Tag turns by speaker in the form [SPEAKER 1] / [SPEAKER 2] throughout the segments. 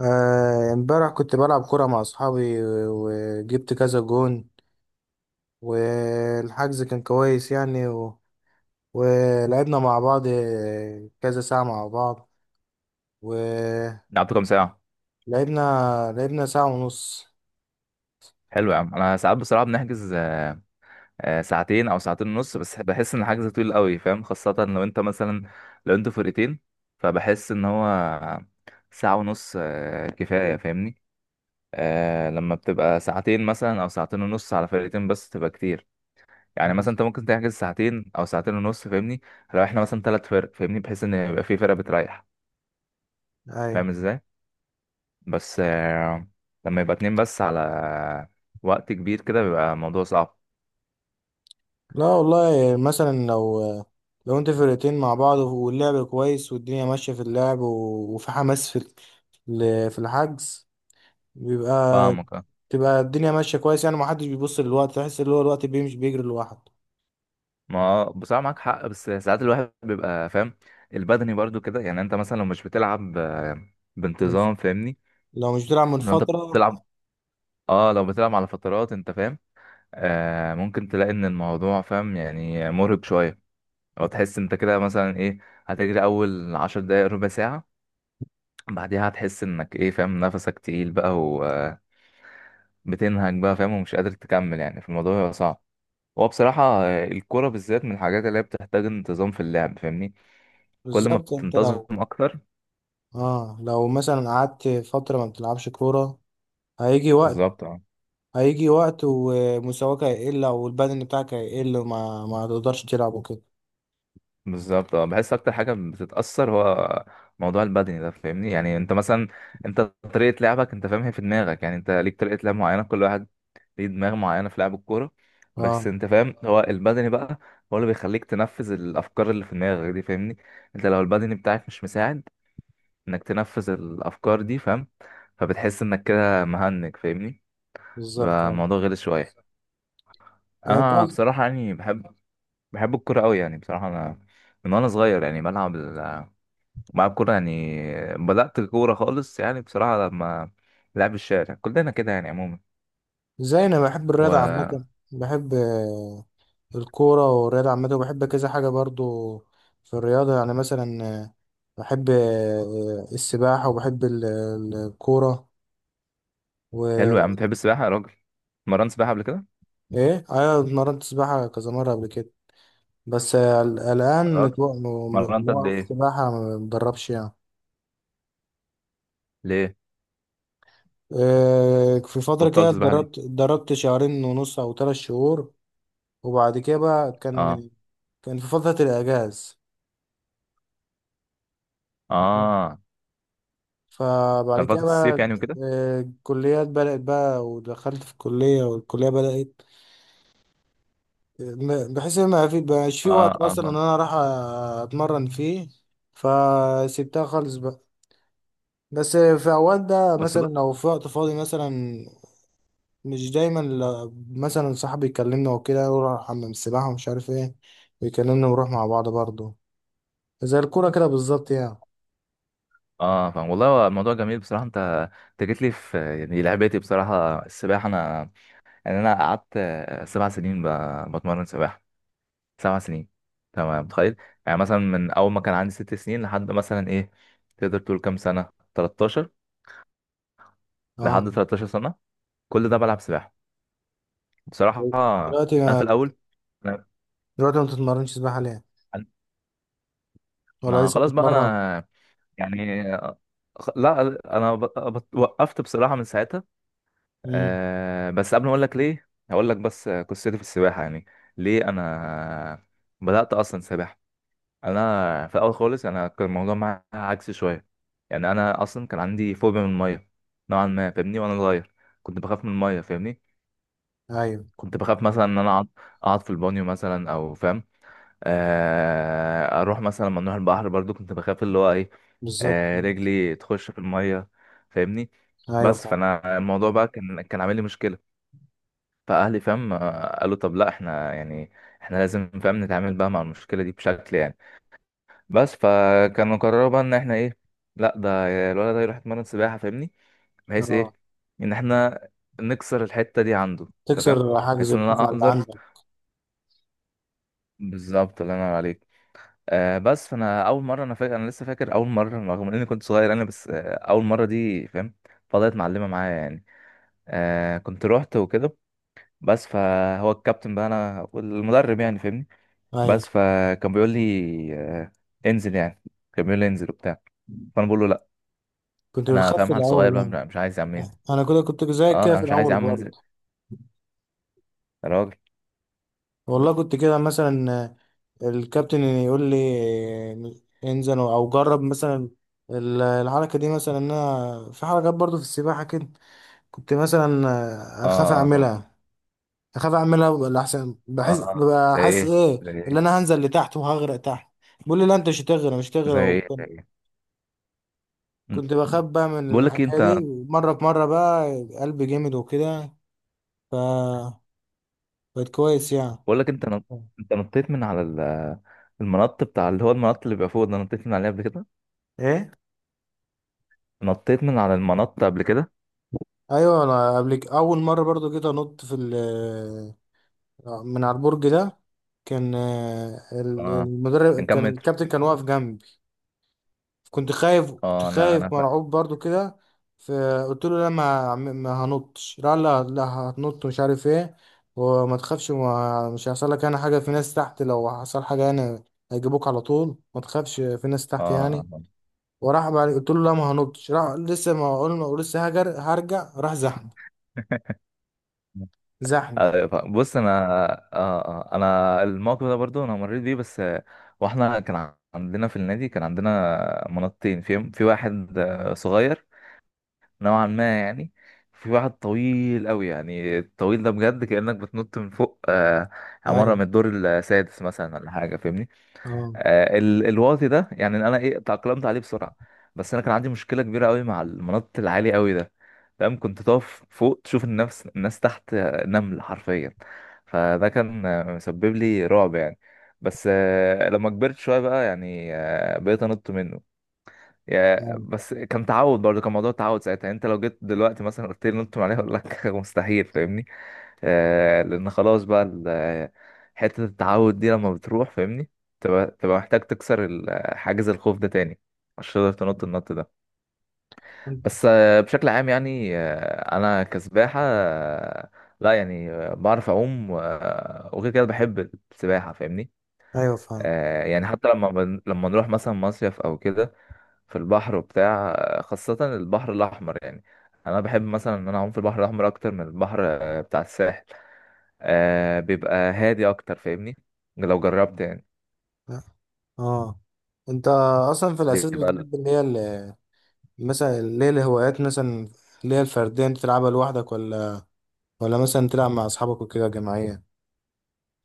[SPEAKER 1] امبارح كنت بلعب كرة مع أصحابي وجبت كذا جون. والحجز كان كويس يعني ولعبنا مع بعض كذا ساعة مع بعض، ولعبنا
[SPEAKER 2] لعبتوا كام ساعة؟
[SPEAKER 1] لعبنا لعبنا ساعة ونص.
[SPEAKER 2] حلو يا عم، انا ساعات بصراحة بنحجز ساعتين او ساعتين ونص، بس بحس ان الحجز طويل قوي فاهم، خاصة لو انت مثلا لو انتوا فرقتين، فبحس ان هو ساعة ونص كفاية فاهمني. لما بتبقى ساعتين مثلا او ساعتين ونص على فرقتين بس تبقى كتير. يعني مثلا انت ممكن تحجز ساعتين او ساعتين ونص فاهمني، لو احنا مثلا ثلاث فرق فاهمني، بحيث ان يبقى في فرقة بتريح.
[SPEAKER 1] أي.
[SPEAKER 2] فاهم ازاي؟ بس لما يبقى اتنين بس على وقت كبير كده بيبقى الموضوع صعب.
[SPEAKER 1] لا والله مثلا لو انت فرقتين مع بعض واللعب كويس والدنيا ماشية في اللعب، وفي حماس في في الحجز، بيبقى
[SPEAKER 2] فاهمك.
[SPEAKER 1] تبقى الدنيا ماشية كويس يعني. ما حدش بيبص للوقت، تحس اللي هو الوقت بيمشي بيجري لوحده.
[SPEAKER 2] ما بصراحة معاك حق، بس ساعات الواحد بيبقى فاهم البدني برضو كده. يعني انت مثلا لو مش بتلعب
[SPEAKER 1] من
[SPEAKER 2] بانتظام فاهمني،
[SPEAKER 1] لو مش بتلعب من
[SPEAKER 2] لو انت
[SPEAKER 1] فترة.
[SPEAKER 2] بتلعب، اه لو بتلعب على فترات انت فاهم، ممكن تلاقي ان الموضوع فاهم يعني مرهق شوية. او تحس انت كده مثلا ايه، هتجري اول عشر دقايق ربع ساعة، بعدها هتحس انك ايه فاهم نفسك تقيل بقى وبتنهج بقى فاهم ومش قادر تكمل، يعني في الموضوع صعب. هو بصراحة الكورة بالذات من الحاجات اللي هي بتحتاج انتظام في اللعب فاهمني، كل ما
[SPEAKER 1] بالظبط، انت
[SPEAKER 2] بتنتظم
[SPEAKER 1] لو
[SPEAKER 2] أكتر.
[SPEAKER 1] اه لو مثلا قعدت فترة ما بتلعبش كورة، هيجي وقت
[SPEAKER 2] بالظبط اه.
[SPEAKER 1] هيجي وقت ومستواك هيقل او البدن بتاعك هيقل، وما ما تقدرش تلعب وكده.
[SPEAKER 2] بالظبط اه، بحس أكتر حاجة بتتأثر هو موضوع البدني ده فاهمني. يعني أنت مثلا، أنت طريقة لعبك أنت فاهم هي في دماغك، يعني أنت ليك طريقة لعب معينة، كل واحد ليه دماغ معينة في لعب الكورة.
[SPEAKER 1] اه
[SPEAKER 2] بس أنت فاهم هو البدني بقى هو اللي بيخليك تنفذ الأفكار اللي في دماغك دي فاهمني. أنت لو البدني بتاعك مش مساعد إنك تنفذ الأفكار دي فاهم، فبتحس إنك كده مهنج فاهمني،
[SPEAKER 1] بالظبط.
[SPEAKER 2] بقى
[SPEAKER 1] اه
[SPEAKER 2] الموضوع غلس شويه.
[SPEAKER 1] انت
[SPEAKER 2] اه
[SPEAKER 1] قصد-
[SPEAKER 2] بصراحه يعني بحب الكوره قوي يعني بصراحه، انا من وانا صغير يعني بلعب بلعب كوره يعني، بدات الكوره خالص يعني بصراحه، لما لعب الشارع كلنا كده يعني عموما.
[SPEAKER 1] زي انا بحب الرياضة
[SPEAKER 2] وحلو.
[SPEAKER 1] عامة. بحب الكورة والرياضة عامة، وبحب كذا حاجة برضو في الرياضة. يعني مثلا بحب السباحة، وبحب الكورة.
[SPEAKER 2] يا عم بتحب السباحه يا راجل، مرنت سباحه قبل كده؟
[SPEAKER 1] ايه، ايوه، اتمرنت سباحة كذا مرة قبل كده. بس
[SPEAKER 2] يا
[SPEAKER 1] الان
[SPEAKER 2] راجل، مرنت قد
[SPEAKER 1] موقف
[SPEAKER 2] ايه؟
[SPEAKER 1] سباحة ما بتدربش يعني.
[SPEAKER 2] ليه
[SPEAKER 1] إيه، في فترة كده
[SPEAKER 2] بطلت سباحه ليه؟
[SPEAKER 1] اتدربت شهرين ونص او 3 شهور. وبعد كده بقى
[SPEAKER 2] اه
[SPEAKER 1] كان في فترة الاجاز.
[SPEAKER 2] اه،
[SPEAKER 1] فبعد
[SPEAKER 2] كان
[SPEAKER 1] كده
[SPEAKER 2] فتره الصيف
[SPEAKER 1] بقى
[SPEAKER 2] يعني وكده.
[SPEAKER 1] الكليات بدأت بقى، ودخلت في الكلية والكلية بدأت، بحيث ان ما في بقاش في
[SPEAKER 2] اه
[SPEAKER 1] وقت
[SPEAKER 2] اه
[SPEAKER 1] اصلا ان
[SPEAKER 2] فاهم.
[SPEAKER 1] انا راح اتمرن فيه، فسيبتها خالص بقى. بس في اوقات ده
[SPEAKER 2] بس
[SPEAKER 1] مثلا
[SPEAKER 2] بص،
[SPEAKER 1] لو في وقت فاضي مثلا، مش دايما. مثلا صاحبي يكلمنا وكده يروح حمام السباحة ومش عارف ايه، ويكلمنا ونروح مع بعض برضه زي الكورة كده بالظبط يعني.
[SPEAKER 2] اه فاهم والله، هو الموضوع جميل بصراحه. انت جيت لي في يعني لعبتي بصراحه السباحه، انا يعني انا قعدت سبع سنين بتمرن سباحه. سبع سنين، تمام متخيل؟ يعني مثلا من اول ما كان عندي ست سنين لحد مثلا ايه، تقدر تقول كام سنه، 13. لحد
[SPEAKER 1] اه،
[SPEAKER 2] 13 سنه، كل ده بلعب سباحه بصراحه.
[SPEAKER 1] دلوقتي
[SPEAKER 2] انا في
[SPEAKER 1] ما
[SPEAKER 2] الاول أنا-
[SPEAKER 1] دلوقتي ما بتتمرنش سباحة ليه؟
[SPEAKER 2] أنا-
[SPEAKER 1] ولا
[SPEAKER 2] ما
[SPEAKER 1] لسه
[SPEAKER 2] خلاص بقى
[SPEAKER 1] بتتمرن؟
[SPEAKER 2] انا يعني لا انا وقفت بصراحه من ساعتها.
[SPEAKER 1] امم.
[SPEAKER 2] أه، بس قبل ما اقول لك ليه هقول لك بس قصتي في السباحه يعني. ليه انا بدات اصلا سباحه؟ انا في الاول خالص انا كان الموضوع معايا عكسي شويه، يعني انا اصلا كان عندي فوبيا من الميه نوعا ما فاهمني، وانا صغير كنت بخاف من الميه فاهمني.
[SPEAKER 1] ايوه،
[SPEAKER 2] كنت بخاف مثلا ان انا اقعد في البانيو مثلا او فاهم، اروح مثلا لما نروح البحر برضو، كنت بخاف اللي هو ايه،
[SPEAKER 1] بالظبط.
[SPEAKER 2] رجلي تخش في الميه فاهمني.
[SPEAKER 1] ايوه،
[SPEAKER 2] بس
[SPEAKER 1] فاهم.
[SPEAKER 2] فانا الموضوع بقى كان عامل لي مشكله. فاهلي فاهم، قالوا طب لا احنا يعني احنا لازم فاهم نتعامل بقى مع المشكله دي بشكل يعني، بس فكانوا قرروا بقى ان احنا ايه، لا ده الولد ده يروح يتمرن سباحه فاهمني، بحيث ايه
[SPEAKER 1] اه.
[SPEAKER 2] ان احنا نكسر الحته دي عنده تمام.
[SPEAKER 1] تكسر حاجز
[SPEAKER 2] بحيث ان
[SPEAKER 1] الخوف
[SPEAKER 2] انا
[SPEAKER 1] على اللي
[SPEAKER 2] اقدر
[SPEAKER 1] عندك.
[SPEAKER 2] بالظبط. الله ينور عليك. آه بس فانا اول مره انا فاكر، انا لسه فاكر اول مره رغم اني كنت صغير، انا بس آه اول مره دي فاهم، فضلت معلمه معايا يعني، آه كنت روحت وكده. بس فهو الكابتن بقى انا والمدرب يعني فاهمني،
[SPEAKER 1] ايوه،
[SPEAKER 2] بس فكان بيقول لي انزل يعني، كان بيقول لي انزل وبتاع، فانا بقول له
[SPEAKER 1] كنت
[SPEAKER 2] انا
[SPEAKER 1] بتخاف في
[SPEAKER 2] فاهم حال صغير بقى
[SPEAKER 1] الاول.
[SPEAKER 2] مش عايز يا عم
[SPEAKER 1] اه،
[SPEAKER 2] أنزل.
[SPEAKER 1] انا كده كنت زيك
[SPEAKER 2] اه
[SPEAKER 1] كده
[SPEAKER 2] انا
[SPEAKER 1] في
[SPEAKER 2] مش عايز يا
[SPEAKER 1] الاول
[SPEAKER 2] عم انزل
[SPEAKER 1] برضه.
[SPEAKER 2] يا راجل.
[SPEAKER 1] والله كنت كده مثلا، الكابتن يقول لي انزل او جرب مثلا الحركه دي، مثلا إن انا في حركات برضو في السباحه كده. كنت مثلا اخاف
[SPEAKER 2] اه اه.
[SPEAKER 1] اعملها اخاف اعملها ولا احسن، بحس
[SPEAKER 2] آه.
[SPEAKER 1] ببقى
[SPEAKER 2] زي
[SPEAKER 1] حاسس
[SPEAKER 2] ايه،
[SPEAKER 1] ايه
[SPEAKER 2] زي
[SPEAKER 1] اللي
[SPEAKER 2] ايه؟
[SPEAKER 1] انا هنزل لتحت وهغرق تحت. بيقول لي لا انت مش هتغرق، مش
[SPEAKER 2] زي
[SPEAKER 1] هتغرق.
[SPEAKER 2] ايه، زي
[SPEAKER 1] وكنت
[SPEAKER 2] ايه؟
[SPEAKER 1] كنت بخاف بقى من
[SPEAKER 2] بقول لك إيه،
[SPEAKER 1] الحكايه دي.
[SPEAKER 2] انت،
[SPEAKER 1] مره في مره بقى قلبي جامد وكده. ف بقت كويس يعني.
[SPEAKER 2] بقول لك انت انت نطيت من على المنط بتاع اللي هو المنط اللي بيبقى فوق ده، نطيت من عليه قبل كده؟
[SPEAKER 1] ايه،
[SPEAKER 2] نطيت من على المنط قبل كده؟
[SPEAKER 1] ايوه. انا اول مره برضو جيت انط في من على البرج ده. كان
[SPEAKER 2] اه، كان
[SPEAKER 1] المدرب
[SPEAKER 2] كام
[SPEAKER 1] كان،
[SPEAKER 2] متر؟
[SPEAKER 1] الكابتن كان واقف جنبي. كنت خايف، كنت
[SPEAKER 2] اه انا
[SPEAKER 1] خايف مرعوب برضو كده. فقلت له لا، ما هنطش. لا لا لا، هتنط مش عارف ايه، وما تخافش، مش هيحصل لك انا حاجه، في ناس تحت، لو حصل حاجه انا هيجيبوك على طول، ما تخافش، في ناس
[SPEAKER 2] اه
[SPEAKER 1] تحت يعني.
[SPEAKER 2] آه.
[SPEAKER 1] وراح بعد قلت له لا ما هنطش، راح لسه ما اقول لسه هرجع راح زحني. زحني.
[SPEAKER 2] أيوة فاهم. بص انا، انا الموقف ده برضو انا مريت بيه، بس واحنا كان عندنا في النادي، كان عندنا منطقتين، في واحد صغير نوعا ما يعني، في واحد طويل قوي يعني. الطويل ده بجد كأنك بتنط من فوق عمارة
[SPEAKER 1] ايوه.
[SPEAKER 2] من الدور السادس مثلا ولا حاجة فاهمني.
[SPEAKER 1] اه،
[SPEAKER 2] الواطي ده يعني انا ايه تأقلمت عليه بسرعه، بس انا كان عندي مشكله كبيره قوي مع المنط العالي قوي ده فاهم. كنت تقف فوق تشوف الناس تحت نمل حرفيا، فده كان مسبب لي رعب يعني. بس لما كبرت شويه بقى يعني بقيت انط منه، يا
[SPEAKER 1] اه،
[SPEAKER 2] بس كان تعود برضه، كان موضوع تعود ساعتها يعني. انت لو جيت دلوقتي مثلا قلت لي نط من عليه اقول لك مستحيل فاهمني. لان خلاص بقى حتة التعود دي لما بتروح فاهمني، تبقى محتاج تكسر حاجز الخوف ده تاني عشان تقدر تنط النط ده.
[SPEAKER 1] أنت-
[SPEAKER 2] بس بشكل عام يعني انا كسباحة لا يعني بعرف اعوم، وغير كده بحب السباحة فاهمني.
[SPEAKER 1] ايوه، فاهم.
[SPEAKER 2] آه يعني حتى لما لما نروح مثلا مصيف او كده في البحر وبتاع، خاصة البحر الأحمر يعني. أنا بحب مثلا إن أنا أعوم في البحر الأحمر أكتر من البحر بتاع الساحل، بيبقى هادي اكتر فاهمني، لو جربت يعني.
[SPEAKER 1] اه. انت اصلا في الاساس
[SPEAKER 2] بيبقى.
[SPEAKER 1] بتحب اللي هي مثلا، اللي هي الهوايات مثلا، اللي هي الفرديه انت تلعبها لوحدك، ولا مثلا تلعب مع اصحابك وكده جماعيه؟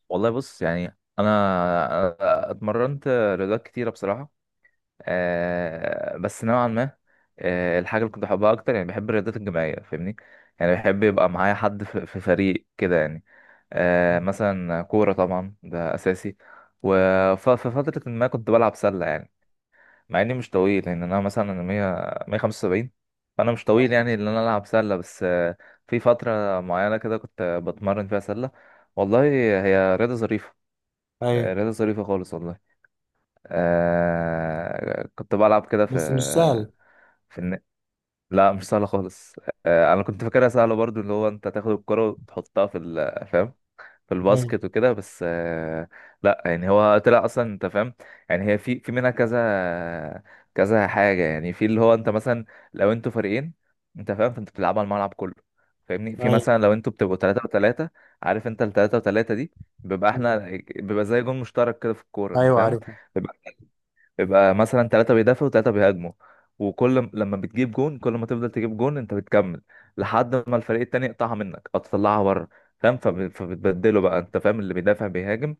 [SPEAKER 2] والله بص يعني، انا اتمرنت رياضات كتيره بصراحه. بس نوعا ما الحاجه اللي كنت بحبها اكتر يعني، بحب الرياضات الجماعيه فاهمني، يعني بحب يبقى معايا حد في فريق كده يعني. مثلا كوره طبعا ده اساسي، وفي فتره ما كنت بلعب سله يعني، مع اني مش طويل يعني. انا مثلا انا 100 175، فانا مش طويل يعني ان انا العب سله، بس في فتره معينه كده كنت بتمرن فيها سله. والله هي رياضه ظريفه.
[SPEAKER 1] ايوه.
[SPEAKER 2] رياضه ظريفه خالص والله. آه كنت بلعب كده في
[SPEAKER 1] بس مش سهل.
[SPEAKER 2] في الن... لا مش سهله خالص. آه انا كنت فاكرها سهله برضو، اللي هو انت تاخد الكره وتحطها في فاهم في
[SPEAKER 1] ايوه،
[SPEAKER 2] الباسكت وكده، بس لا يعني هو طلع اصلا انت فاهم، يعني هي في منها كذا كذا حاجه يعني. في اللي هو انت مثلا لو انتوا فريقين انت فاهم، فانت بتلعبوا على الملعب كله فاهمني، في
[SPEAKER 1] ايوه،
[SPEAKER 2] مثلا لو انتوا بتبقوا 3 و3 عارف، انت ال 3 و3 دي بيبقى احنا
[SPEAKER 1] ايوه،
[SPEAKER 2] بيبقى زي جون مشترك كده في الكوره انت
[SPEAKER 1] ايوه،
[SPEAKER 2] فاهم،
[SPEAKER 1] عارف.
[SPEAKER 2] يبقى مثلا ثلاثة بيدافعوا وثلاثة بيهاجموا، وكل لما بتجيب جون كل ما تفضل تجيب جون انت بتكمل، لحد ما الفريق التاني يقطعها منك او تطلعها بره فاهم، فبتبدله بقى انت فاهم، اللي بيدافع بيهاجم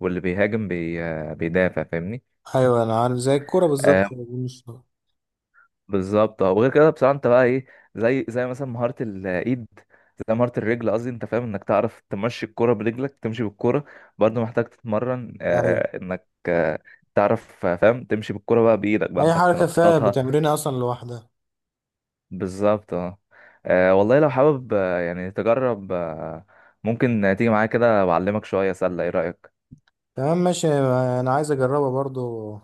[SPEAKER 2] واللي بيهاجم بيدافع فاهمني.
[SPEAKER 1] ايوه، انا عارف زي الكوره
[SPEAKER 2] آه
[SPEAKER 1] بالظبط. مش.
[SPEAKER 2] بالظبط اه. وغير كده بصراحة انت بقى ايه، زي مثلا مهارة الايد، زي مهارة الرجل قصدي انت فاهم انك تعرف تمشي الكرة برجلك، تمشي بالكرة برضه محتاج تتمرن
[SPEAKER 1] ايوه.
[SPEAKER 2] انك تعرف فاهم تمشي بالكرة بقى بايدك بقى
[SPEAKER 1] اي
[SPEAKER 2] انك
[SPEAKER 1] حركه فيها
[SPEAKER 2] تنططها.
[SPEAKER 1] بتمرينها اصلا لوحدها.
[SPEAKER 2] بالظبط اه. والله لو حابب يعني تجرب، ممكن تيجي معايا كده وأعلمك شوية سلة، ايه رأيك؟
[SPEAKER 1] تمام، ماشي. انا عايز اجربها برضو،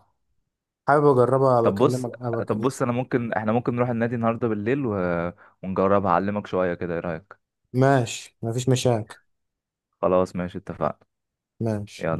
[SPEAKER 1] حابب اجربها.
[SPEAKER 2] طب بص طب بص انا ممكن، احنا ممكن نروح النادي النهاردة بالليل و... ونجرب أعلمك شوية كده، ايه رأيك؟
[SPEAKER 1] ماشي، مفيش مشاكل.
[SPEAKER 2] خلاص ماشي، اتفقنا.
[SPEAKER 1] ماشي.
[SPEAKER 2] يلا.